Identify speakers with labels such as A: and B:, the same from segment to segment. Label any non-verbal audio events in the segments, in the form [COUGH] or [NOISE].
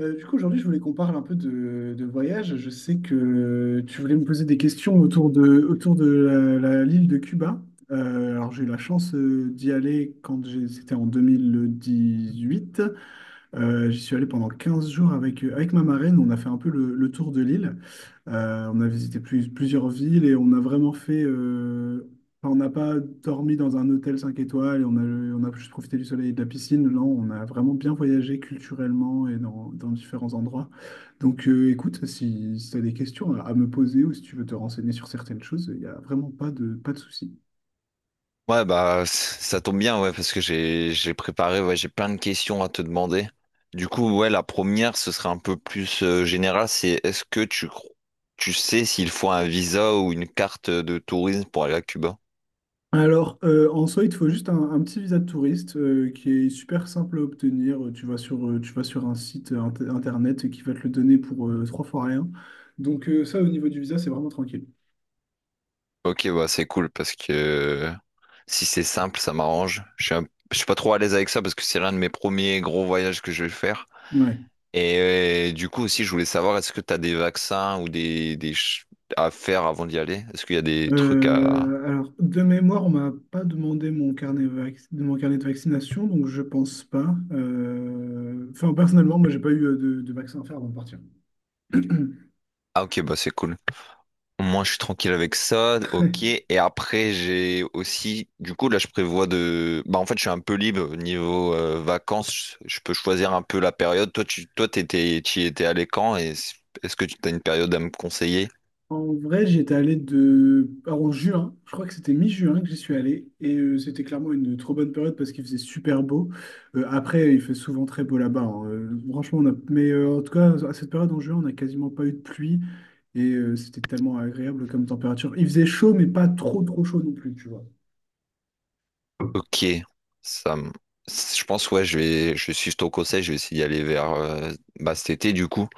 A: Du coup, aujourd'hui, je voulais qu'on parle un peu de voyage. Je sais que tu voulais me poser des questions autour de l'île de Cuba. Alors, j'ai eu la chance d'y aller quand c'était en 2018. J'y suis allé pendant 15 jours avec ma marraine. On a fait un peu le tour de l'île. On a visité plusieurs villes et on a vraiment fait. Enfin, on n'a pas dormi dans un hôtel 5 étoiles et on a juste profité du soleil et de la piscine. Là, on a vraiment bien voyagé culturellement et dans différents endroits. Donc, écoute, si, tu as des questions à me poser ou si tu veux te renseigner sur certaines choses, il n'y a vraiment pas de souci.
B: Ouais, bah, ça tombe bien, ouais, parce que j'ai préparé, ouais, j'ai plein de questions à te demander. Du coup, ouais, la première, ce serait un peu plus général, c'est est-ce que tu sais s'il faut un visa ou une carte de tourisme pour aller à Cuba?
A: Alors, en soi, il te faut juste un petit visa de touriste qui est super simple à obtenir. Tu vas sur un site internet qui va te le donner pour trois fois rien. Donc, ça, au niveau du visa, c'est vraiment tranquille.
B: Ok, bah, c'est cool, parce que si c'est simple, ça m'arrange. Je suis pas trop à l'aise avec ça, parce que c'est l'un de mes premiers gros voyages que je vais faire.
A: Ouais.
B: Et du coup aussi, je voulais savoir, est-ce que tu as des vaccins ou à faire avant d'y aller? Est-ce qu'il y a des trucs à...
A: Alors, de mémoire, on m'a pas demandé de mon carnet de vaccination, donc je pense pas. Enfin, personnellement, moi, j'ai pas eu de vaccin à faire avant de partir.
B: Ah ok, bah c'est cool. Au moins je suis tranquille avec ça, ok.
A: [CLEARS THROAT]
B: Et après j'ai aussi, du coup là je prévois de... Bah en fait je suis un peu libre au niveau vacances, je peux choisir un peu la période. Toi, t'étais, tu y étais allé quand et est-ce que tu as une période à me conseiller?
A: En vrai, j'y étais allé alors, en juin, je crois que c'était mi-juin que j'y suis allé, et c'était clairement une trop bonne période parce qu'il faisait super beau. Après, il fait souvent très beau là-bas, hein. Franchement, mais en tout cas, à cette période en juin, on n'a quasiment pas eu de pluie, et c'était tellement agréable comme température. Il faisait chaud, mais pas trop trop chaud non plus, tu vois.
B: Ok, ça me- Je pense ouais, je suis ton conseil, je vais essayer d'y aller vers bah, cet été du coup.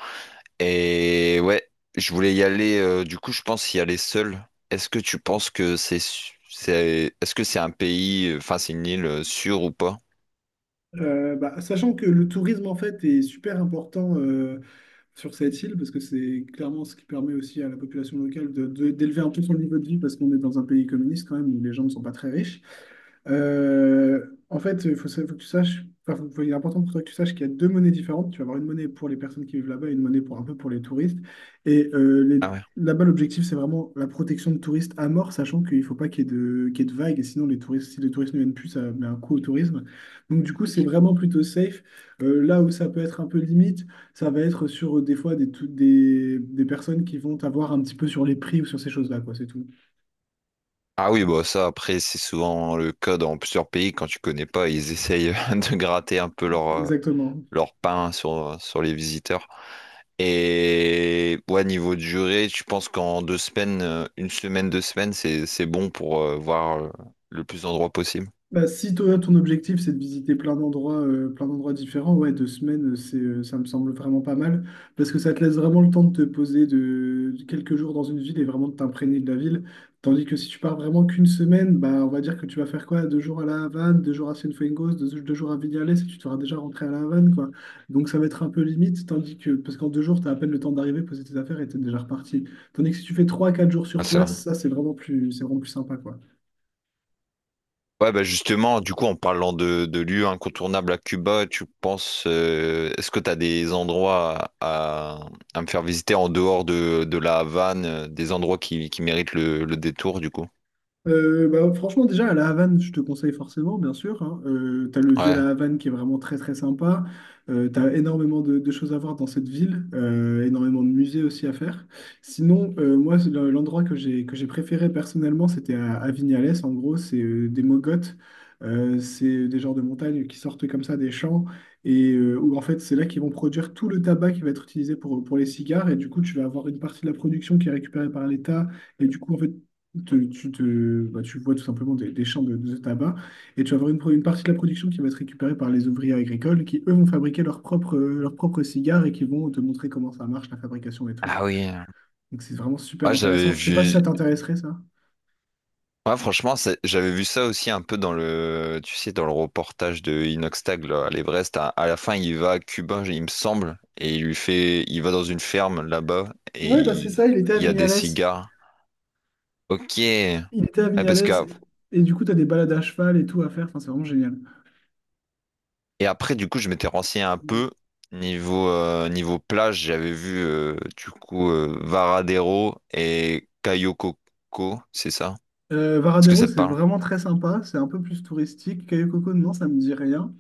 B: Et ouais, je voulais y aller. Du coup, je pense y aller seul. Est-ce que tu penses que c'est est-ce que c'est un pays, enfin c'est une île sûre ou pas?
A: Bah, sachant que le tourisme, en fait, est super important sur cette île, parce que c'est clairement ce qui permet aussi à la population locale d'élever un peu son niveau de vie, parce qu'on est dans un pays communiste quand même, où les gens ne sont pas très riches. Euh, en fait, faut que tu saches, enfin, il est important pour toi que tu saches qu'il y a deux monnaies différentes. Tu vas avoir une monnaie pour les personnes qui vivent là-bas et une monnaie pour un peu pour les touristes. Et euh, les-
B: Ah ouais.
A: là-bas, l'objectif, c'est vraiment la protection de touristes à mort, sachant qu'il ne faut pas qu'il y ait de vagues. Et sinon, si les touristes ne viennent plus, ça met un coup au tourisme. Donc, du coup, c'est ok, vraiment plutôt safe. Là où ça peut être un peu limite, ça va être sur des fois des personnes qui vont t'avoir un petit peu sur les prix ou sur ces choses-là, quoi, c'est tout.
B: Ah oui, bah ça après c'est souvent le cas dans plusieurs pays quand tu connais pas, ils essayent [LAUGHS] de gratter un peu leur
A: Exactement.
B: leur pain sur les visiteurs. Et ouais, niveau de durée, tu penses qu'en deux semaines, une semaine, deux semaines, c'est bon pour voir le plus d'endroits possible.
A: Bah, si toi, ton objectif, c'est de visiter plein d'endroits différents, ouais, deux semaines, ça me semble vraiment pas mal, parce que ça te laisse vraiment le temps de te poser de quelques jours dans une ville et vraiment de t'imprégner de la ville. Tandis que si tu pars vraiment qu'une semaine, bah, on va dire que tu vas faire quoi? Deux jours à La Havane, deux jours à Cienfuegos, deux jours à Vignales, et tu seras déjà rentré à La Havane, quoi. Donc ça va être un peu limite, tandis que, parce qu'en deux jours, tu as à peine le temps d'arriver, poser tes affaires et t'es déjà reparti. Tandis que si tu fais trois, quatre jours
B: Ah,
A: sur
B: c'est vrai.
A: place, ça, c'est vraiment plus sympa, quoi.
B: Ouais, bah justement, du coup, en parlant de lieux incontournables à Cuba, tu penses, est-ce que tu as des endroits me faire visiter en dehors de la Havane, des endroits qui méritent le détour, du coup?
A: Bah, franchement, déjà, à la Havane, je te conseille forcément, bien sûr, hein. T'as le vieux
B: Ouais.
A: La Havane qui est vraiment très très sympa. T'as énormément de choses à voir dans cette ville, énormément de musées aussi à faire. Sinon, moi, c'est l'endroit que j'ai préféré personnellement, c'était à Vignales. En gros, c'est des mogotes. C'est des genres de montagnes qui sortent comme ça des champs et où en fait c'est là qu'ils vont produire tout le tabac qui va être utilisé pour les cigares et du coup tu vas avoir une partie de la production qui est récupérée par l'État et du coup en fait bah, tu vois tout simplement des champs de tabac et tu vas avoir une partie de la production qui va être récupérée par les ouvriers agricoles qui, eux, vont fabriquer leurs propres cigares et qui vont te montrer comment ça marche, la fabrication et tout.
B: Ah oui.
A: Donc c'est vraiment super
B: Ouais, j'avais
A: intéressant. Je sais pas si
B: vu.
A: ça t'intéresserait, ça.
B: Ouais, franchement, j'avais vu ça aussi un peu dans le, tu sais, dans le reportage de Inoxtag, là, à l'Everest. À la fin, il va à Cuba, il me semble, et il va dans une ferme là-bas, et
A: Ouais, bah c'est ça,
B: il y a des cigares. Ok. Ouais,
A: Il était à
B: parce
A: Vignales
B: que
A: et du coup, tu as des balades à cheval et tout à faire. Enfin, c'est vraiment génial.
B: et après, du coup, je m'étais renseigné un peu niveau, niveau plage. J'avais vu, du coup, Varadero et Cayocoko, c'est ça?
A: Euh,
B: Est-ce que
A: Varadero,
B: ça te
A: c'est
B: parle?
A: vraiment très sympa. C'est un peu plus touristique. Cayo Coco, non, ça me dit rien.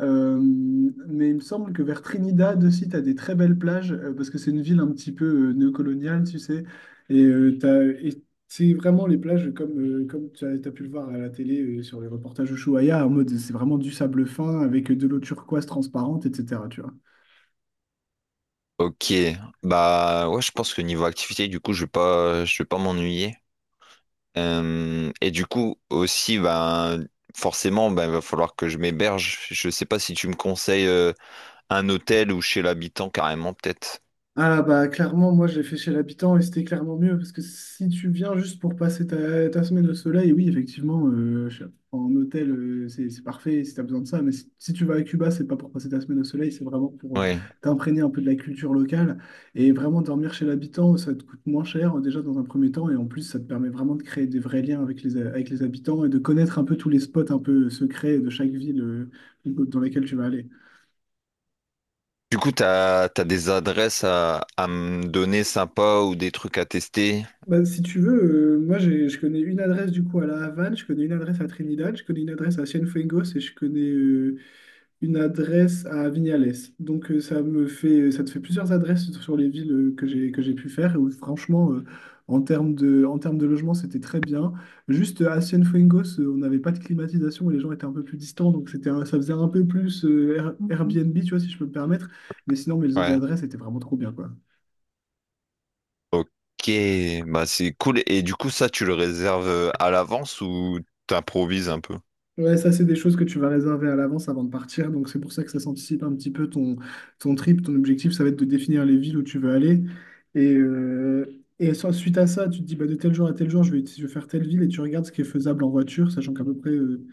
A: Euh, mais il me semble que vers Trinidad aussi, tu as des très belles plages, parce que c'est une ville un petit peu néocoloniale, tu sais. Et c'est vraiment les plages comme t'as pu le voir à la télé sur les reportages Ushuaïa, en mode c'est vraiment du sable fin avec de l'eau turquoise transparente, etc. Tu vois.
B: Ok, bah ouais, je pense que niveau activité, du coup, je vais pas m'ennuyer. Et du coup, aussi, ben forcément, ben il va falloir que je m'héberge. Je sais pas si tu me conseilles un hôtel ou chez l'habitant carrément, peut-être.
A: Ah bah clairement, moi je l'ai fait chez l'habitant et c'était clairement mieux parce que si tu viens juste pour passer ta semaine au soleil, oui effectivement, en hôtel c'est parfait si tu as besoin de ça, mais si tu vas à Cuba, c'est pas pour passer ta semaine au soleil, c'est vraiment pour
B: Ouais.
A: t'imprégner un peu de la culture locale et vraiment dormir chez l'habitant, ça te coûte moins cher déjà dans un premier temps et en plus ça te permet vraiment de créer des vrais liens avec les habitants et de connaître un peu tous les spots un peu secrets de chaque ville dans laquelle tu vas aller.
B: Du coup, t'as des adresses à me donner sympas ou des trucs à tester?
A: Bah, si tu veux, moi je connais une adresse du coup à La Havane, je connais une adresse à Trinidad, je connais une adresse à Cienfuegos et je connais une adresse à Vignales. Donc ça te fait plusieurs adresses sur les villes que j'ai pu faire. Et où, franchement, en termes de logement, c'était très bien. Juste à Cienfuegos, on n'avait pas de climatisation et les gens étaient un peu plus distants, donc c'était ça faisait un peu plus Mhm. Airbnb, tu vois, si je peux me permettre. Mais sinon, mes autres
B: Ouais.
A: adresses étaient vraiment trop bien, quoi.
B: Ok, bah c'est cool. Et du coup, ça, tu le réserves à l'avance ou t'improvises un peu?
A: Ouais, ça, c'est des choses que tu vas réserver à l'avance avant de partir. Donc, c'est pour ça que ça s'anticipe un petit peu ton trip. Ton objectif, ça va être de définir les villes où tu veux aller. Et, euh, Suite à ça, tu te dis, bah, de tel jour à tel jour, je vais faire telle ville et tu regardes ce qui est faisable en voiture, sachant qu'à peu près,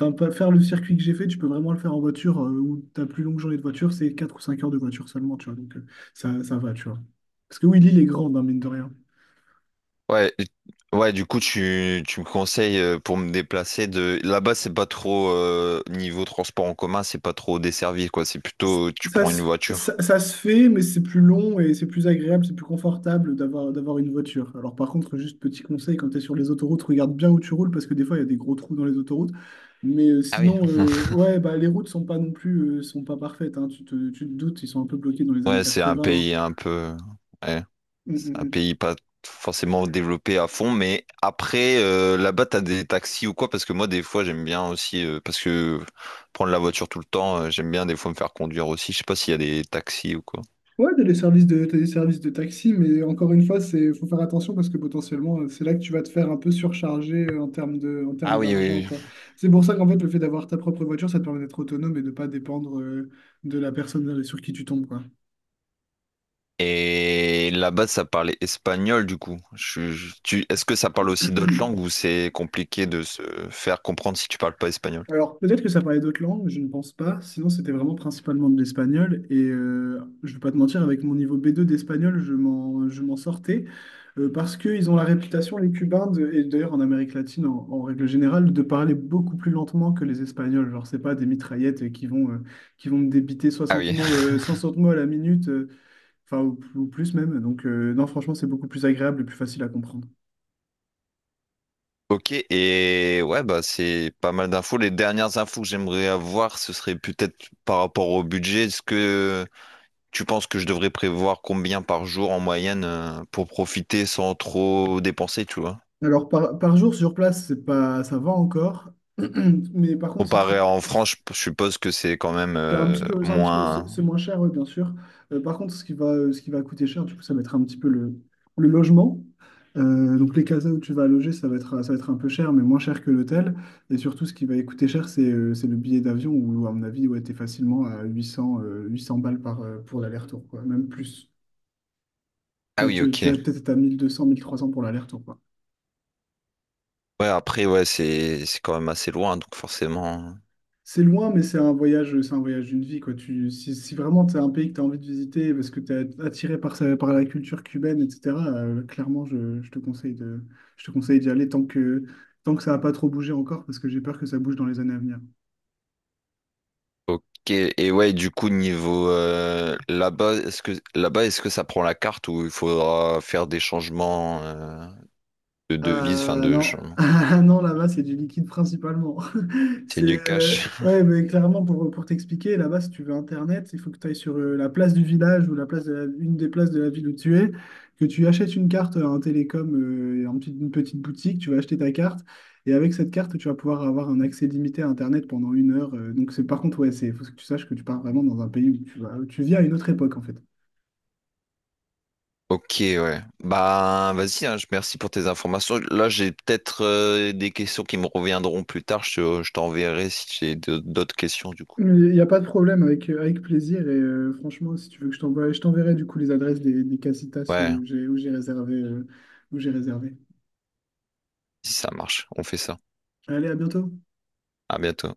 A: enfin, faire le circuit que j'ai fait, tu peux vraiment le faire en voiture où ta plus longue journée de voiture, c'est 4 ou 5 heures de voiture seulement, tu vois. Donc, ça va, tu vois. Parce que oui, l'île est grande, hein, mine de rien.
B: Ouais, ouais, du coup, tu me conseilles pour me déplacer de... Là-bas, c'est pas trop... niveau transport en commun, c'est pas trop desservi, quoi. C'est plutôt, tu
A: Ça
B: prends une
A: se, ça,
B: voiture.
A: ça se fait, mais c'est plus long et c'est plus agréable, c'est plus confortable d'avoir une voiture. Alors par contre, juste petit conseil, quand tu es sur les autoroutes, regarde bien où tu roules parce que des fois, il y a des gros trous dans les autoroutes. Mais euh,
B: Ah oui.
A: sinon, euh,
B: [LAUGHS]
A: ouais, bah, les routes sont pas non plus, sont pas parfaites, hein. Tu te doutes, ils sont un peu bloqués dans les années
B: Ouais, c'est un
A: 80, hein.
B: pays un peu... ouais.
A: Mm, mm,
B: C'est un
A: mm.
B: pays pas forcément développé à fond, mais après, là-bas, t'as des taxis ou quoi? Parce que moi, des fois, j'aime bien aussi, parce que prendre la voiture tout le temps, j'aime bien des fois me faire conduire aussi. Je sais pas s'il y a des taxis ou quoi.
A: Ouais, t'as des services de taxi, mais encore une fois, faut faire attention parce que potentiellement, c'est là que tu vas te faire un peu surcharger en
B: Ah
A: termes
B: oui,
A: d'argent,
B: oui,
A: quoi. C'est pour ça qu'en fait, le fait d'avoir ta propre voiture, ça te permet d'être autonome et de pas dépendre de la personne sur qui tu tombes, quoi.
B: et là-bas, ça parlait espagnol, du coup. Est-ce que ça parle aussi d'autres langues ou c'est compliqué de se faire comprendre si tu parles pas espagnol?
A: Alors, peut-être que ça parlait d'autres langues, je ne pense pas. Sinon, c'était vraiment principalement de l'espagnol. Et je ne vais pas te mentir, avec mon niveau B2 d'espagnol, je m'en sortais. Parce qu'ils ont la réputation, les Cubains, et d'ailleurs en Amérique latine, en règle générale, de parler beaucoup plus lentement que les Espagnols. Genre, c'est pas des mitraillettes qui vont me débiter
B: Ah
A: 60
B: oui.
A: mots,
B: [LAUGHS]
A: 60 mots à la minute, enfin, ou plus même. Donc, non, franchement, c'est beaucoup plus agréable et plus facile à comprendre.
B: Ok, et ouais, bah c'est pas mal d'infos. Les dernières infos que j'aimerais avoir, ce serait peut-être par rapport au budget. Est-ce que tu penses que je devrais prévoir combien par jour en moyenne pour profiter sans trop dépenser, tu vois?
A: Alors, par jour sur place, c'est pas, ça va encore. [CLEARS THROAT] Mais par contre, si
B: Comparé
A: tu,
B: à en France, je suppose que c'est quand même
A: c'est un petit peu, c'est un petit peu, c'est
B: moins.
A: moins cher, oui, bien sûr. Par contre, ce qui va coûter cher, du coup, ça va être un petit peu le logement. Donc, les casas où tu vas loger, ça va être un peu cher, mais moins cher que l'hôtel. Et surtout, ce qui va coûter cher, c'est le billet d'avion, où, à mon avis, ouais, t'es facilement à 800 balles pour l'aller-retour, quoi. Même plus.
B: Ah
A: T'as
B: oui,
A: t'as-
B: ok.
A: t'as peut-être à mille mille deux cents mille trois cents pour l'aller-retour, quoi.
B: Ouais, après, ouais, c'est quand même assez loin, donc forcément.
A: C'est loin, mais c'est un voyage, d'une vie, quoi. Tu, si, si vraiment c'est un pays que tu as envie de visiter parce que tu es attiré par la culture cubaine, etc., clairement, je te conseille je te conseille d'y aller tant que ça n'a pas trop bougé encore, parce que j'ai peur que ça bouge dans les années à venir.
B: Ok. Et ouais, du coup, niveau là-bas, est-ce que ça prend la carte ou il faudra faire des changements de devises, enfin
A: Ah
B: de
A: non, [LAUGHS]
B: changement?
A: Ah, non là-bas c'est du liquide principalement. [LAUGHS]
B: C'est
A: C'est
B: du cash.
A: ouais, mais clairement pour t'expliquer, là-bas si tu veux internet, il faut que tu ailles sur la place du village ou la place de une des places de la ville où tu es, que tu achètes une carte à un télécom, une petite boutique, tu vas acheter ta carte et avec cette carte tu vas pouvoir avoir un accès limité à internet pendant une heure. Donc c'est par contre, ouais, c'est faut que tu saches que tu pars vraiment dans un pays où où tu vis à une autre époque en fait.
B: Ok, ouais. Bah, vas-y, hein, merci pour tes informations. Là, j'ai peut-être des questions qui me reviendront plus tard. Je t'enverrai si j'ai d'autres questions, du coup.
A: Il n'y a pas de problème, avec plaisir. Et franchement, si tu veux que je t'envoie, je t'enverrai du coup les adresses des casitas
B: Ouais,
A: où j'ai réservéoù j'ai réservé.
B: si ça marche, on fait ça.
A: Allez, à bientôt.
B: À bientôt.